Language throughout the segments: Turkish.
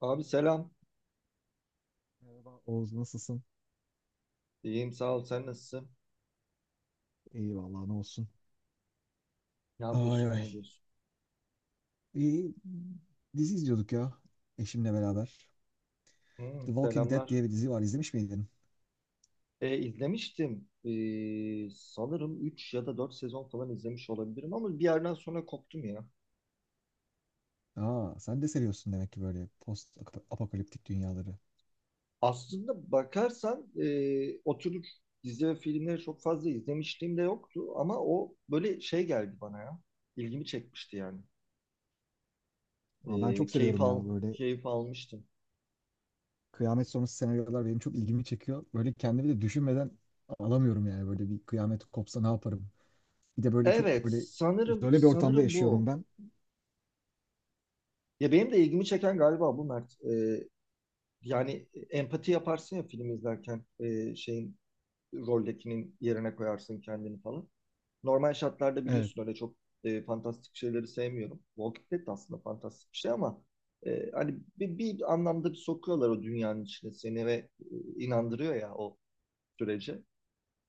Abi selam. Merhaba Oğuz, nasılsın? İyiyim sağ ol. Sen nasılsın? İyi vallahi ne olsun. Ne Ay yapıyorsun? Ne ay. ediyorsun? İyi, dizi izliyorduk ya eşimle beraber. Hmm, The Walking Dead selamlar. diye bir dizi var. İzlemiş miydin? İzlemiştim. Sanırım 3 ya da 4 sezon falan izlemiş olabilirim ama bir yerden sonra koptum ya. Aa, sen de seviyorsun demek ki böyle post apokaliptik dünyaları. Aslında bakarsan o dizi ve filmleri çok fazla izlemişliğim de yoktu ama o böyle şey geldi bana ya. İlgimi çekmişti yani. Ama ben E, çok keyif seviyorum al, ya böyle Keyif almıştım. kıyamet sonrası senaryolar benim çok ilgimi çekiyor. Böyle kendimi de düşünmeden alamıyorum yani böyle bir kıyamet kopsa ne yaparım? Bir de böyle çok Evet, böyle sanırım izole bir ortamda sanırım yaşıyorum bu. ben. Ya benim de ilgimi çeken galiba bu Mert. Yani empati yaparsın ya film izlerken şeyin roldekinin yerine koyarsın kendini falan. Normal şartlarda Evet, biliyorsun öyle çok fantastik şeyleri sevmiyorum. Walking Dead de aslında fantastik bir şey ama hani bir anlamda bir sokuyorlar o dünyanın içine seni ve inandırıyor ya o sürece.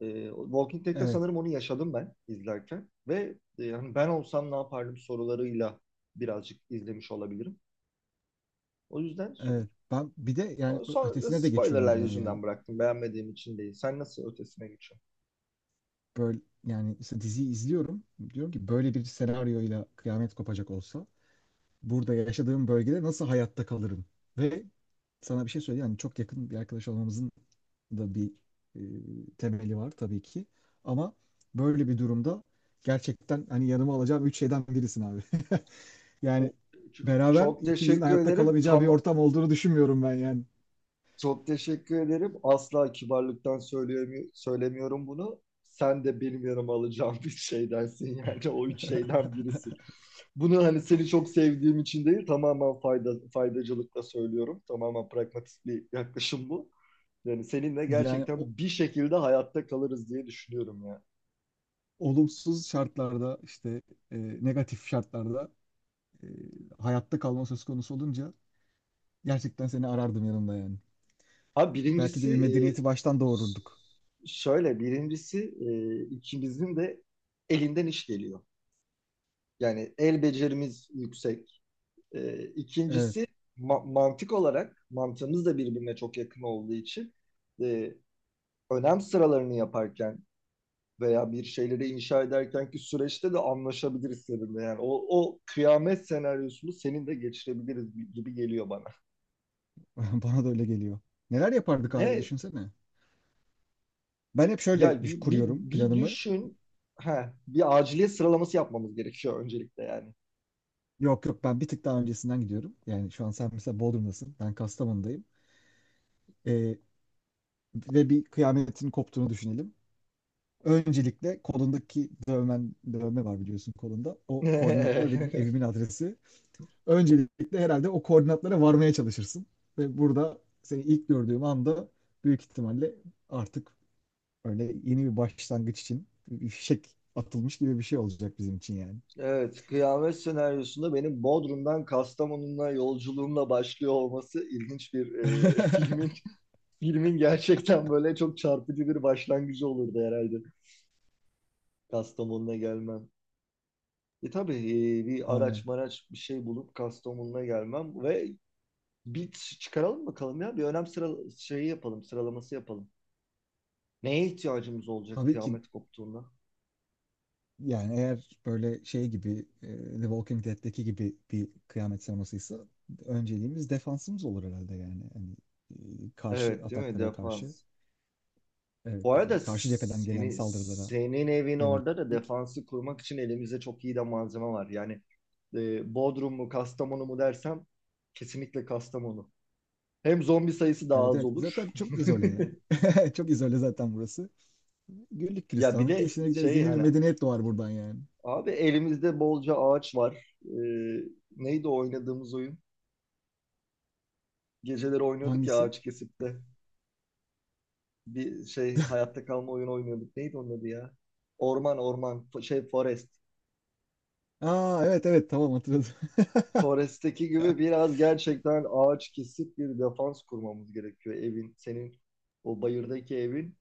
O Walking Dead'de evet, sanırım onu yaşadım ben izlerken ve hani ben olsam ne yapardım sorularıyla birazcık izlemiş olabilirim. O yüzden so, evet. Ben bir de yani So- Sonra ötesine de geçiyorum spoilerlar buna yani. yüzünden bıraktım. Beğenmediğim için değil. Sen nasıl ötesine geçiyorsun? Böyle yani işte diziyi izliyorum. Diyorum ki böyle bir senaryoyla kıyamet kopacak olsa burada yaşadığım bölgede nasıl hayatta kalırım? Ve sana bir şey söyleyeyim. Yani çok yakın bir arkadaş olmamızın da bir e, temeli var tabii ki. Ama böyle bir durumda gerçekten hani yanıma alacağım üç şeyden birisin abi. Yani beraber Çok ikimizin teşekkür hayatta ederim. kalamayacağı bir ortam olduğunu düşünmüyorum ben yani. Çok teşekkür ederim. Asla kibarlıktan söylemiyorum bunu. Sen de benim yanıma alacağım bir şeydensin yani o üç şeyden birisin. Bunu hani seni çok sevdiğim için değil tamamen faydacılıkla söylüyorum. Tamamen pragmatik bir yaklaşım bu. Yani seninle Yani gerçekten bir şekilde hayatta kalırız diye düşünüyorum ya. olumsuz şartlarda işte e, negatif şartlarda e, hayatta kalma söz konusu olunca gerçekten seni arardım yanımda yani. Ha Belki de birincisi bir e, medeniyeti baştan doğururduk. şöyle birincisi, ikimizin de elinden iş geliyor. Yani el becerimiz yüksek. Evet, İkincisi mantık olarak mantığımız da birbirine çok yakın olduğu için e, önem sıralarını yaparken veya bir şeyleri inşa ederken ki süreçte de anlaşabiliriz seninle. Yani o kıyamet senaryosunu senin de geçirebiliriz gibi geliyor bana. bana da öyle geliyor. Neler yapardık abi Ne düşünsene. Ben hep şöyle Ya bir, bir, kuruyorum bir planımı. düşün. Ha, bir aciliyet sıralaması yapmamız gerekiyor öncelikle yani. Yok yok, ben bir tık daha öncesinden gidiyorum. Yani şu an sen mesela Bodrum'dasın. Ben Kastamonu'dayım. Ee, ve bir kıyametin koptuğunu düşünelim. Öncelikle kolundaki dövmen, dövme var biliyorsun kolunda. O koordinatlar benim evimin adresi. Öncelikle herhalde o koordinatlara varmaya çalışırsın. Ve burada seni ilk gördüğüm anda büyük ihtimalle artık öyle yeni bir başlangıç için bir fişek atılmış gibi bir şey olacak bizim için yani. Evet, kıyamet senaryosunda benim Bodrum'dan Kastamonu'na yolculuğumla başlıyor olması ilginç bir e, filmin filmin gerçekten böyle çok çarpıcı bir başlangıcı olurdu herhalde Kastamonu'na gelmem. Tabii bir araç Aynen. maraç bir şey bulup Kastamonu'na gelmem ve bir çıkaralım bakalım ya bir önem sıra şeyi yapalım sıralaması yapalım. Neye ihtiyacımız olacak Tabii ki kıyamet koptuğunda? yani eğer böyle şey gibi The Walking Dead'deki gibi bir kıyamet sinemasıysa önceliğimiz defansımız olur herhalde yani. Hani karşı Evet, değil mi? ataklara karşı, Defans. Bu evet, arada yani karşı cepheden gelen saldırılara senin evin yönelik. orada da defansı kurmak için elimizde çok iyi de malzeme var. Yani Bodrum mu Kastamonu mu dersem kesinlikle Kastamonu. Hem zombi sayısı daha Evet, az evet. olur. Zaten çok izole yani. Çok izole zaten burası. Güllük Ya bir gülistanlık de geçine gideriz. şey Yeni bir hani medeniyet doğar buradan yani. abi elimizde bolca ağaç var. Neydi o oynadığımız oyun? Geceleri oynuyorduk ya Hangisi? ağaç kesip de. Bir şey, hayatta kalma oyunu oynuyorduk. Neydi onun adı ya? Orman orman, şey, forest. Aa, evet evet tamam hatırladım. Forest'teki gibi biraz gerçekten ağaç kesip bir defans kurmamız gerekiyor evin. Senin o bayırdaki evin.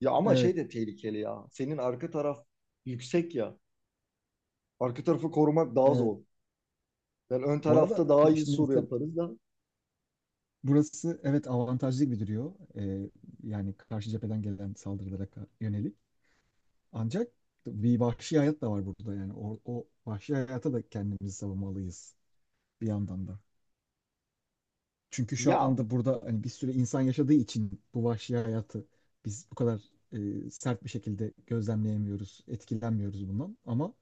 Ya ama Evet şey de tehlikeli ya. Senin arka taraf yüksek ya. Arka tarafı korumak daha evet. zor. Yani ön Bu arada tarafta daha tabii iyi şimdi sur mesela yaparız da. burası, evet, avantajlı gibi duruyor. Yani karşı cepheden gelen saldırılara yönelik. Ancak bir vahşi hayat da var burada yani. O vahşi hayata da kendimizi savunmalıyız bir yandan da. Çünkü şu Ya anda burada hani bir sürü insan yaşadığı için bu vahşi hayatı biz bu kadar sert bir şekilde gözlemleyemiyoruz, etkilenmiyoruz bundan. Ama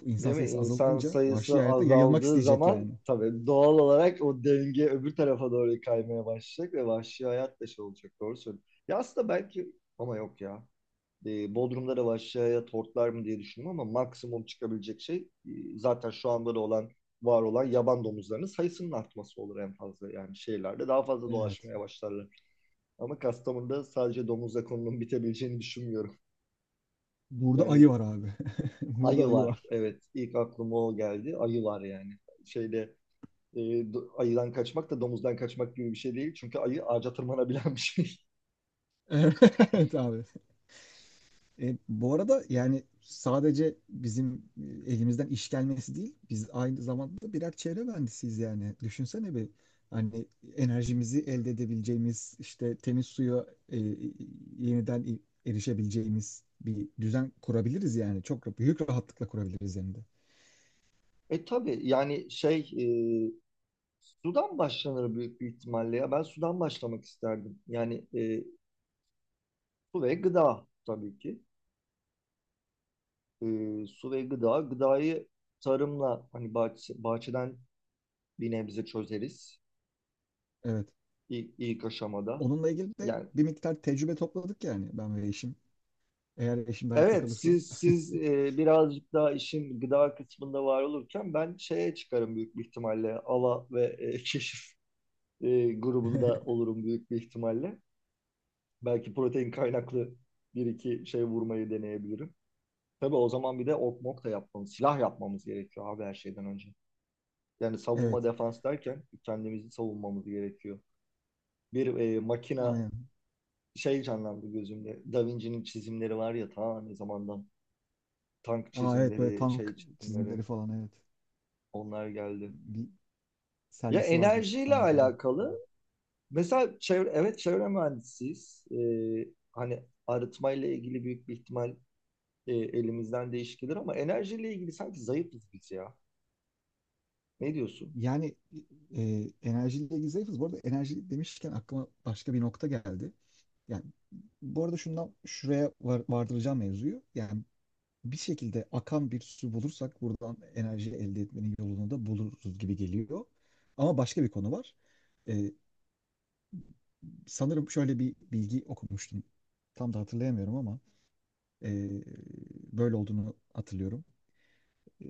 bu insan Değil mi? sayısı İnsan azalınca sayısı vahşi hayata yayılmak azaldığı isteyecek zaman yani. tabii doğal olarak o denge öbür tarafa doğru kaymaya başlayacak ve vahşi hayat da şey olacak. Doğru söylüyorsun. Ya aslında belki ama yok ya. Bodrum'da da vahşi hayat hortlar mı diye düşündüm ama maksimum çıkabilecek şey e, zaten şu anda da olan, var olan yaban domuzlarının sayısının artması olur en fazla. Yani şehirlerde daha fazla Evet. dolaşmaya başlarlar. Ama Kastamonu'da sadece domuzla konunun bitebileceğini düşünmüyorum. Burada Yani ayı var abi. Burada ayı ayı var. var. Evet, ilk aklıma o geldi. Ayı var yani. Şeyde e, ayıdan kaçmak da domuzdan kaçmak gibi bir şey değil. Çünkü ayı ağaca tırmanabilen bir şey. Evet abi. Bu arada yani sadece bizim elimizden iş gelmesi değil, biz aynı zamanda da birer çevre mühendisiyiz yani. Düşünsene bir hani enerjimizi elde edebileceğimiz, işte temiz suya e, yeniden erişebileceğimiz bir düzen kurabiliriz yani. Çok büyük rahatlıkla kurabiliriz hem de. Tabii yani şey e, sudan başlanır büyük bir ihtimalle ya. Ben sudan başlamak isterdim. Yani su ve gıda tabii ki. E, Su ve gıda. Gıdayı tarımla hani bahçeden bir nebze çözeriz. Evet. İlk aşamada. Onunla ilgili de Yani bir miktar tecrübe topladık yani ben ve eşim. Eğer eşim de hayatta Evet, kalırsa. siz birazcık daha işin gıda kısmında var olurken ben şeye çıkarım büyük bir ihtimalle. Ala ve keşif grubunda olurum büyük bir ihtimalle. Belki protein kaynaklı bir iki şey vurmayı deneyebilirim. Tabii o zaman bir de ok mok da yapmamız, silah yapmamız gerekiyor abi her şeyden önce. Yani savunma Evet. defans derken kendimizi savunmamız gerekiyor. Bir makina Aynen. şey canlandı gözümde. Da Vinci'nin çizimleri var ya ta ne zamandan. Tank Aa, evet böyle çizimleri, tank şey çizimleri çizimleri. falan evet. Onlar geldi. Bir Ya sergisi vardı enerjiyle İstanbul'da onun. alakalı. Mesela çevre, evet çevre mühendisiyiz. Hani arıtmayla ilgili büyük bir ihtimal elimizden değiş gelir ama enerjiyle ilgili sanki zayıfız biz ya. Ne diyorsun? Yani e, enerjiyle ilgili zayıfız. Bu arada enerji demişken aklıma başka bir nokta geldi. Yani bu arada şundan şuraya vardıracağım mevzuyu. Yani bir şekilde akan bir su bulursak buradan enerji elde etmenin yolunu da buluruz gibi geliyor. Ama başka bir konu var. E, sanırım şöyle bir bilgi okumuştum. Tam da hatırlayamıyorum ama e, böyle olduğunu hatırlıyorum. E,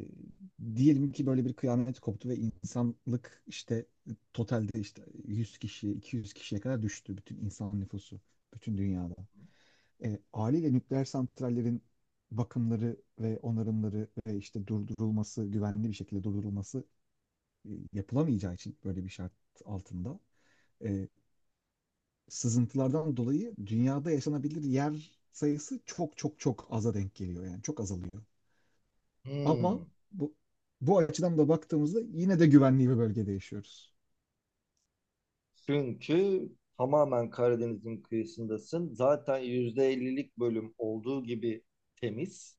diyelim ki Evet. böyle bir kıyamet koptu ve insanlık işte totalde işte 100 kişiye 200 kişiye kadar düştü, bütün insan nüfusu bütün dünyada. Haliyle nükleer santrallerin bakımları ve onarımları ve işte durdurulması, güvenli bir şekilde durdurulması yapılamayacağı için böyle bir şart altında e, sızıntılardan dolayı dünyada yaşanabilir yer sayısı çok çok çok aza denk geliyor yani çok azalıyor. Ama Hmm. bu, bu açıdan da baktığımızda yine de güvenli bir bölgede yaşıyoruz. Çünkü tamamen Karadeniz'in kıyısındasın. Zaten %50'lik bölüm olduğu gibi temiz.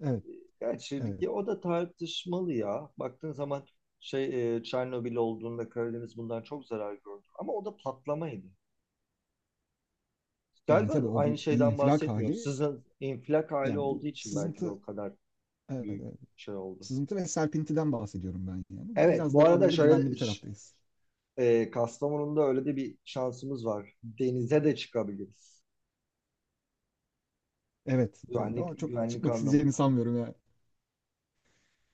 Evet, Gerçi evet. ya o da tartışmalı ya. Baktığın zaman şey Çernobil olduğunda Karadeniz bundan çok zarar gördü. Ama o da patlamaydı. Yani Galiba tabii o aynı bir şeyden infilak bahsetmiyorum. hali. Sizin infilak hali Yani bu olduğu için belki de sızıntı, o kadar evet, büyük evet. şey oldu. Sızıntı ve serpintiden bahsediyorum ben yani. Bu Evet, biraz bu daha arada böyle güvenli bir şöyle taraftayız. Kastamonu'nda öyle de bir şansımız var. Denize de çıkabiliriz. Evet, evet. Güvenlik Ama çok güvenlik çıkmak isteyeceğini anlamında. sanmıyorum ya.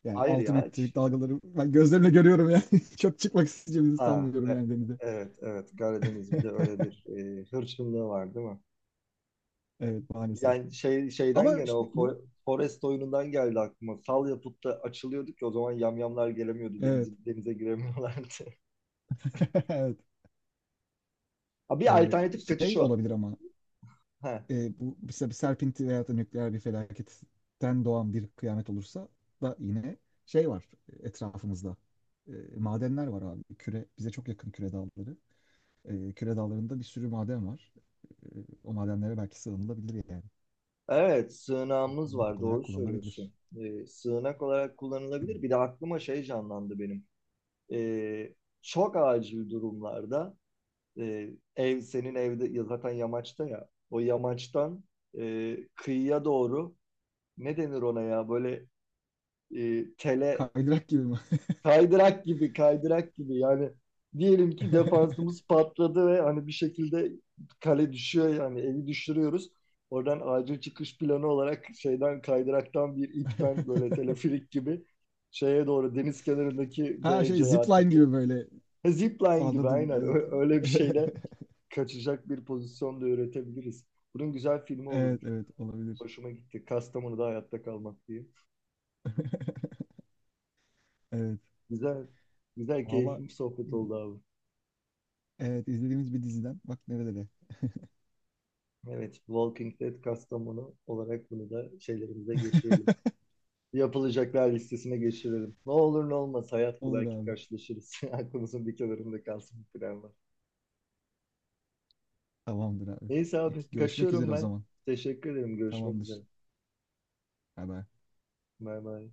Yani Hayır 6 ya. metrelik dalgaları ben gözlerimle görüyorum yani. Çok çıkmak isteyeceğimizi Ha, sanmıyorum yani denize. evet, evet, Karadeniz bir de öyle bir hırçınlığı var değil mi? Evet, maalesef. Yani şey şeyden Ama gene işte o bu, Forest oyunundan geldi aklıma. Sal yapıp da açılıyorduk ya, o zaman yamyamlar gelemiyordu. Denize, evet, denize giremiyorlardı. evet. Ha, bir Ee, alternatif kaçış şey o. olabilir ama Ha. Bu mesela bir serpinti veya da nükleer bir felaketten doğan bir kıyamet olursa da yine şey var etrafımızda. E, madenler var abi. Küre bize çok yakın, küre dağları. Küre dağlarında bir sürü maden var. E, o madenlere belki sığınılabilir yani. Evet, sığınağımız var, Barınak olarak doğru kullanılabilir. söylüyorsun. Sığınak olarak kullanılabilir. Bir de aklıma şey canlandı benim. Ee, Çok acil durumlarda e, ev senin evde ya zaten yamaçta ya. O yamaçtan kıyıya doğru ne denir ona ya, böyle tele. Kaydırak gibi mi? Kaydırak gibi, kaydırak gibi. Yani diyelim ki defansımız patladı ve hani bir şekilde kale düşüyor, yani eli düşürüyoruz. Oradan acil çıkış planı olarak şeyden kaydıraktan bir ipten böyle teleferik gibi şeye doğru, deniz kenarındaki Ha, B şey, BC zipline artık. gibi böyle. Ha, Zipline gibi Anladım, aynen. evet. Öyle bir şeyle kaçacak bir pozisyon da üretebiliriz. Bunun güzel filmi Evet, olurmuş. evet, olabilir. Hoşuma gitti. Kastamonu'da hayatta kalmak diye. Evet. Güzel, güzel Valla, keyifli bir sohbet oldu abi. evet izlediğimiz bir diziden. Bak nerede... Evet, Walking Dead Kastamonu olarak bunu da şeylerimize geçirelim. Yapılacaklar listesine geçirelim. Ne olur ne olmaz, hayat bu, Olur belki abi. karşılaşırız. Aklımızın bir kenarında kalsın bu planlar. Tamamdır abi. Neyse abi, Peki, görüşmek kaçıyorum üzere o ben. zaman. Teşekkür ederim. Görüşmek üzere. Tamamdır. Bay bay. Bay bay.